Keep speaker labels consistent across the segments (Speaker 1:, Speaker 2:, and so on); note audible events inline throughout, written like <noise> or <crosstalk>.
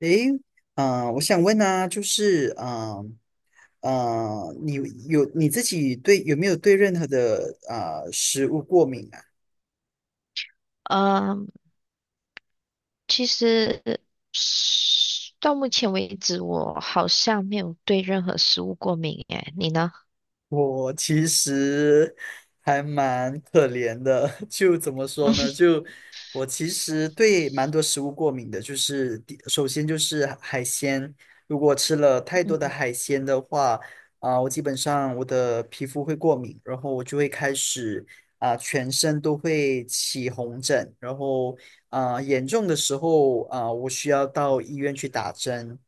Speaker 1: 诶，我想问啊，就是啊、呃你你自己有没有对任何的食物过敏啊？
Speaker 2: 嗯，其实是到目前为止，我好像没有对任何食物过敏诶，你呢？
Speaker 1: 我其实还蛮可怜的，<laughs> 就怎么说呢？
Speaker 2: <laughs>
Speaker 1: 就我其实对蛮多食物过敏的，就是首先就是海鲜，如果吃了太多的
Speaker 2: 嗯，
Speaker 1: 海鲜的话，我基本上我的皮肤会过敏，然后我就会开始全身都会起红疹，然后严重的时候我需要到医院去打针。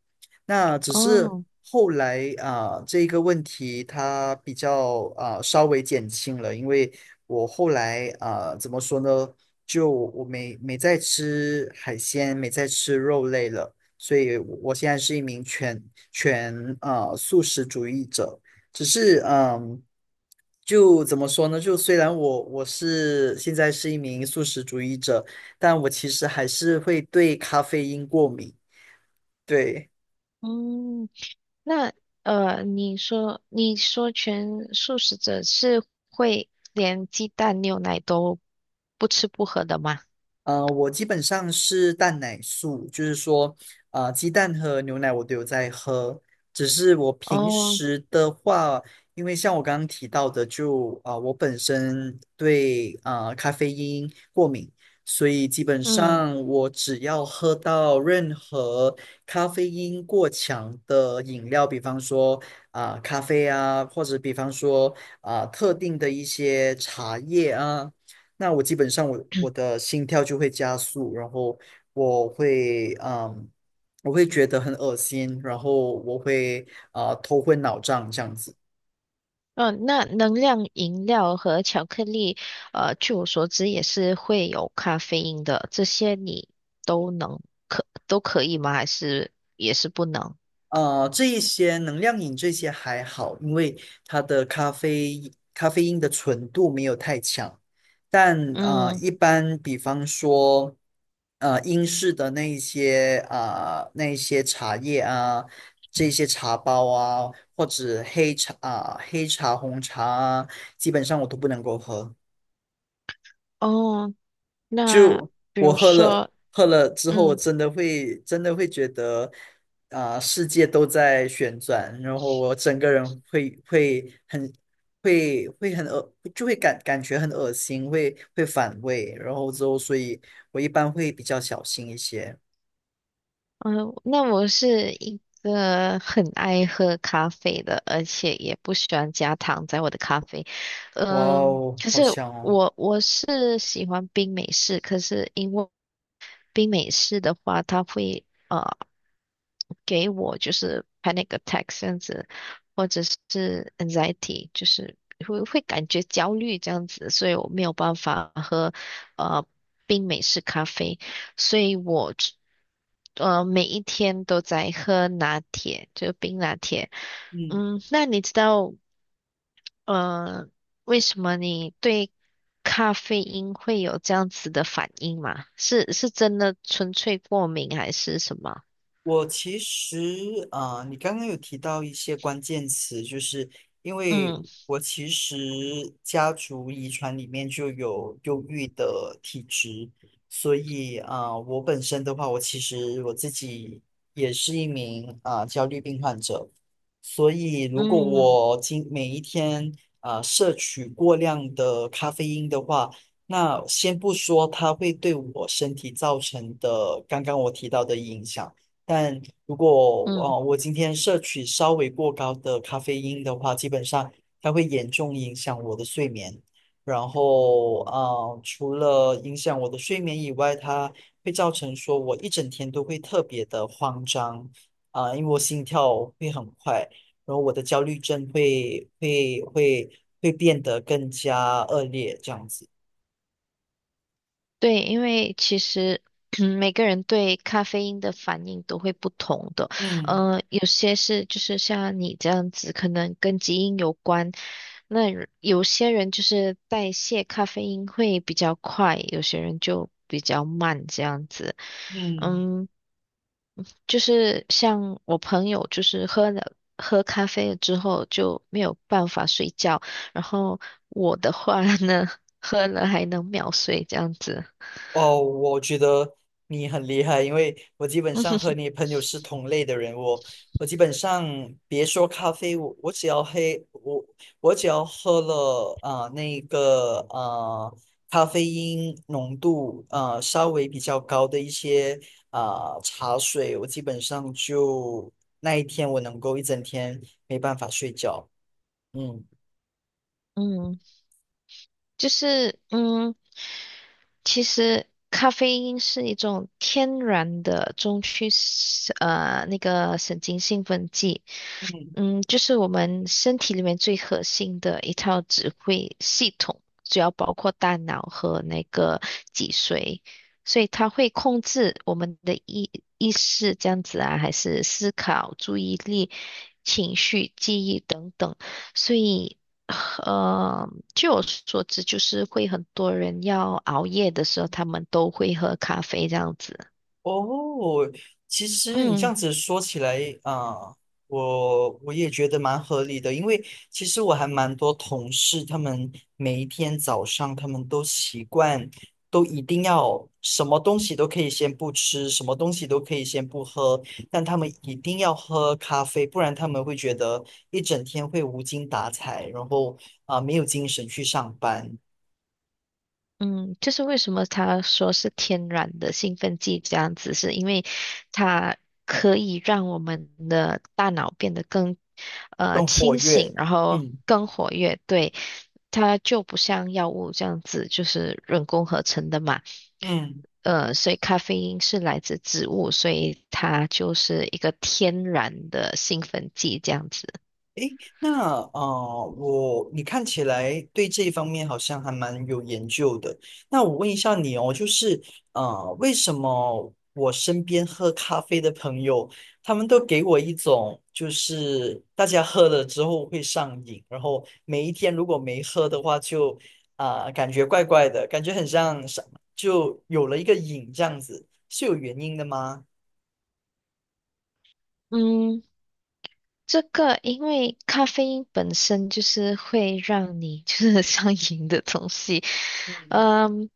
Speaker 1: 那只是
Speaker 2: 哦，
Speaker 1: 后来啊，这个问题它比较稍微减轻了，因为我后来怎么说呢，就我没再吃海鲜，没再吃肉类了，所以我现在是一名全素食主义者，只是。就怎么说呢？就虽然我现在是一名素食主义者，但我其实还是会对咖啡因过敏。对。
Speaker 2: 嗯，那你说全素食者是会连鸡蛋、牛奶都不吃不喝的吗？
Speaker 1: 我基本上是蛋奶素，就是说，鸡蛋和牛奶我都有在喝，只是我平
Speaker 2: 哦，
Speaker 1: 时的话，因为像我刚刚提到的就，我本身对咖啡因过敏，所以基本
Speaker 2: 嗯。
Speaker 1: 上我只要喝到任何咖啡因过强的饮料，比方说咖啡啊，或者比方说特定的一些茶叶啊。那我基本上我的心跳就会加速，然后我会嗯，我会觉得很恶心，然后我会头昏脑胀这样子。
Speaker 2: 嗯，那能量饮料和巧克力，据我所知也是会有咖啡因的，这些你都能可都可以吗？还是也是不能？
Speaker 1: 这一些能量饮这些还好，因为它的咖啡因的纯度没有太强。但
Speaker 2: 嗯，
Speaker 1: 一般比方说，英式的那一些茶叶啊，这些茶包啊，或者黑茶、红茶啊，基本上我都不能够喝。
Speaker 2: 哦，那比
Speaker 1: 我
Speaker 2: 如
Speaker 1: 喝了
Speaker 2: 说，
Speaker 1: 喝了之后，我
Speaker 2: 嗯
Speaker 1: 真的会觉得世界都在旋转，然后我整个人会很会很恶，就会感觉很恶心，会反胃，然后之后，所以我一般会比较小心一些。
Speaker 2: 嗯，那我是一个很爱喝咖啡的，而且也不喜欢加糖在我的咖啡。
Speaker 1: 哇
Speaker 2: 嗯，
Speaker 1: 哦，
Speaker 2: 可
Speaker 1: 好
Speaker 2: 是
Speaker 1: 香哦！
Speaker 2: 我是喜欢冰美式，可是因为冰美式的话，它会给我就是 panic attack 这样子，或者是 anxiety，就是会会感觉焦虑这样子，所以我没有办法喝呃冰美式咖啡，所以我每一天都在喝拿铁，就冰拿铁。
Speaker 1: 嗯。
Speaker 2: 嗯，那你知道呃为什么你对咖啡因会有这样子的反应吗？是是真的纯粹过敏还是什么？
Speaker 1: 我其实啊、呃你刚刚有提到一些关键词，就是因为
Speaker 2: 嗯
Speaker 1: 我其实家族遗传里面就有忧郁的体质，所以我本身的话，我其实我自己也是一名焦虑病患者，所以如果
Speaker 2: 嗯
Speaker 1: 我每一天摄取过量的咖啡因的话，那先不说它会对我身体造成的刚刚我提到的影响。但如果
Speaker 2: 嗯。
Speaker 1: 我今天摄取稍微过高的咖啡因的话，基本上它会严重影响我的睡眠。然后除了影响我的睡眠以外，它会造成说我一整天都会特别的慌张因为我心跳会很快，然后我的焦虑症会变得更加恶劣这样子。
Speaker 2: 对，因为其实嗯每个人对咖啡因的反应都会不同的，
Speaker 1: 嗯
Speaker 2: 嗯，有些是就是像你这样子，可能跟基因有关。那有有些人就是代谢咖啡因会比较快，有些人就比较慢这样子。
Speaker 1: 嗯。
Speaker 2: 嗯，就是像我朋友，就是喝咖啡了之后就没有办法睡觉，然后我的话呢，<laughs> 喝了还能秒睡这样子。
Speaker 1: 哦，我觉得你很厉害，因为我基本上和
Speaker 2: <laughs>
Speaker 1: 你朋友是同类的人。我基本上别说咖啡，我只要喝了那个咖啡因浓度稍微比较高的一些茶水，我基本上就那一天我能够一整天没办法睡觉。嗯
Speaker 2: 嗯，就是嗯，其实咖啡因是一种天然的中区神呃那个神经兴奋剂，
Speaker 1: 嗯。
Speaker 2: 嗯，就是我们身体里面最核心的一套指挥系统，主要包括大脑和那个脊髓，所以它会控制我们的意识这样子啊，还是思考、注意力、情绪、记忆等等，所以。呃，据我所知，就是会很多人要熬夜的时候，他们都会喝咖啡这样子。
Speaker 1: 哦，其实你这
Speaker 2: 嗯，
Speaker 1: 样子说起来啊，我也觉得蛮合理的，因为其实我还蛮多同事，他们每一天早上都习惯，都一定要什么东西都可以先不吃，什么东西都可以先不喝，但他们一定要喝咖啡，不然他们会觉得一整天会无精打采，然后没有精神去上班，
Speaker 2: 嗯，就是为什么他说是天然的兴奋剂这样子，是因为它可以让我们的大脑变得更
Speaker 1: 更活
Speaker 2: 清醒，
Speaker 1: 跃。
Speaker 2: 然后
Speaker 1: 嗯
Speaker 2: 更活跃。对，它就不像药物这样子，就是人工合成的嘛。
Speaker 1: 嗯。
Speaker 2: 呃，所以咖啡因是来自植物，所以它就是一个天然的兴奋剂这样子。
Speaker 1: 诶，那你看起来对这一方面好像还蛮有研究的。那我问一下你哦，就是为什么我身边喝咖啡的朋友，他们都给我一种就是大家喝了之后会上瘾，然后每一天如果没喝的话就，感觉怪怪的，感觉很像就有了一个瘾这样子，是有原因的吗？
Speaker 2: 嗯，这个因为咖啡因本身就是会让你 <laughs> 就是上瘾的东西，
Speaker 1: 嗯，
Speaker 2: 嗯，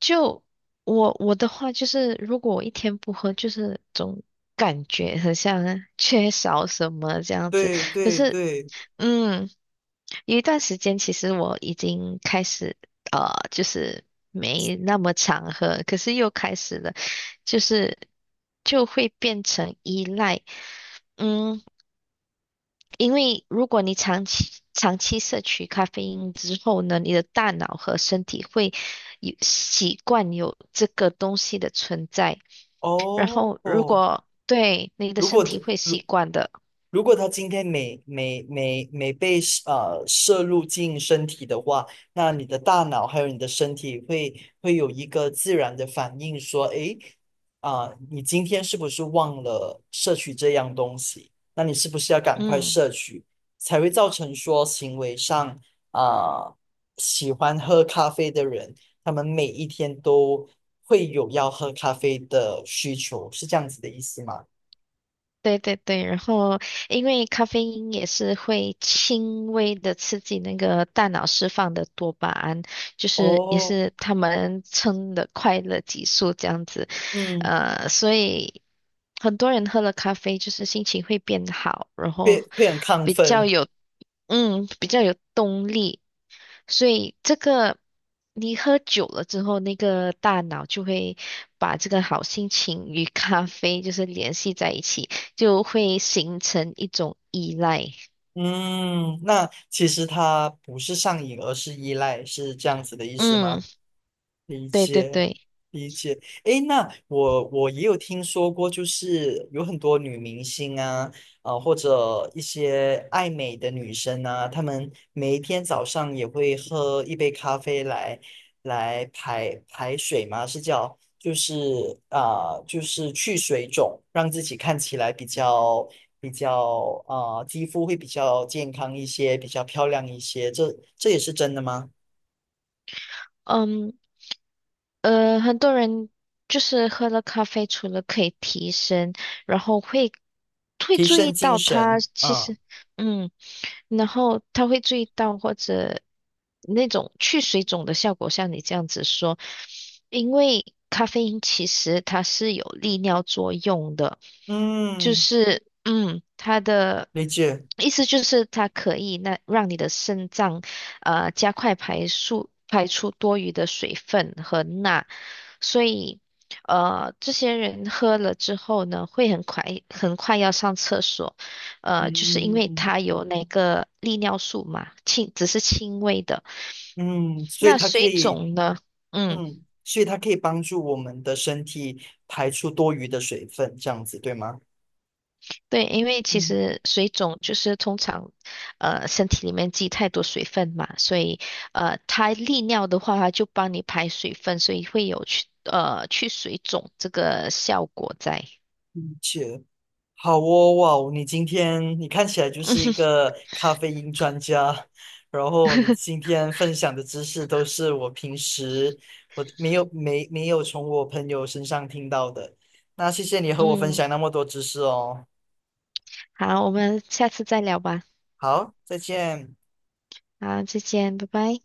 Speaker 2: 就我的话就是，如果我一天不喝，就是总感觉很像 <laughs> 缺少什么这样子。
Speaker 1: 对
Speaker 2: 可
Speaker 1: 对
Speaker 2: 是，
Speaker 1: 对，
Speaker 2: 嗯，有一段时间其实我已经开始就是没那么常喝，可是又开始了，就是就会变成依赖。嗯，因为如果你长期长期摄取咖啡因之后呢，你的大脑和身体会有习惯有这个东西的存在，然
Speaker 1: 哦
Speaker 2: 后如
Speaker 1: 哦，
Speaker 2: 果对你的
Speaker 1: 如
Speaker 2: 身
Speaker 1: 果
Speaker 2: 体会习惯的，
Speaker 1: 如果他今天没被摄入进身体的话，那你的大脑还有你的身体会有一个自然的反应，说，诶，你今天是不是忘了摄取这样东西？那你是不是要赶快
Speaker 2: 嗯，
Speaker 1: 摄取，才会造成说行为上啊、喜欢喝咖啡的人，他们每一天都会有要喝咖啡的需求，是这样子的意思吗？
Speaker 2: 对对对，然后因为咖啡因也是会轻微的刺激那个大脑释放的多巴胺，就是也
Speaker 1: 哦，
Speaker 2: 是他们称的快乐激素这样子，
Speaker 1: 嗯。
Speaker 2: 呃，所以。很多人喝了咖啡就是心情会变好，然后
Speaker 1: 会很亢
Speaker 2: 比较
Speaker 1: 奋。
Speaker 2: 有，嗯，比较有动力。所以这个你喝久了之后，那个大脑就会把这个好心情与咖啡就是联系在一起，就会形成一种依赖。
Speaker 1: 嗯，那其实它不是上瘾，而是依赖，是这样子的意思
Speaker 2: 嗯，
Speaker 1: 吗？理
Speaker 2: 对对
Speaker 1: 解，
Speaker 2: 对，
Speaker 1: 理解。诶，那我也有听说过，就是有很多女明星啊，或者一些爱美的女生啊，她们每一天早上也会喝一杯咖啡来排水嘛，就是就是去水肿，让自己看起来比较肌肤会比较健康一些，比较漂亮一些。这也是真的吗？
Speaker 2: 嗯，呃，很多人就是喝了咖啡，除了可以提神，然后会会
Speaker 1: 提
Speaker 2: 注
Speaker 1: 升
Speaker 2: 意
Speaker 1: 精
Speaker 2: 到它
Speaker 1: 神，
Speaker 2: 其
Speaker 1: 嗯。
Speaker 2: 实。嗯，然后他会注意到或者那种去水肿的效果，像你这样子说，因为咖啡因其实它是有利尿作用的，就
Speaker 1: 嗯，
Speaker 2: 是嗯，它的
Speaker 1: 理解，
Speaker 2: 意思就是它可以那让你的肾脏加快排出多余的水分和钠，所以。呃，这些人喝了之后呢，会很快很快要上厕所，呃，就是因
Speaker 1: 嗯
Speaker 2: 为
Speaker 1: 嗯
Speaker 2: 它有那个利尿素嘛，轻，只是轻微的。
Speaker 1: 嗯，嗯，所以
Speaker 2: 那
Speaker 1: 它可
Speaker 2: 水
Speaker 1: 以，
Speaker 2: 肿呢？嗯，
Speaker 1: 嗯，所以它可以帮助我们的身体排出多余的水分，这样子对吗？
Speaker 2: 对，因为其
Speaker 1: 嗯，
Speaker 2: 实水肿就是通常，呃，身体里面积太多水分嘛，所以呃，它利尿的话，它就帮你排水分，所以会有去水肿这个效果在。
Speaker 1: 理解。好哦，哇哦，你今天看起来就是一
Speaker 2: <laughs>
Speaker 1: 个咖啡因专家，然后你今天分享的知识都是我平时我没有从我朋友身上听到的，那谢谢你和我分
Speaker 2: 嗯，
Speaker 1: 享那么多知识哦。
Speaker 2: 好，我们下次再聊吧。
Speaker 1: 好，再见。
Speaker 2: 好，再见，拜拜。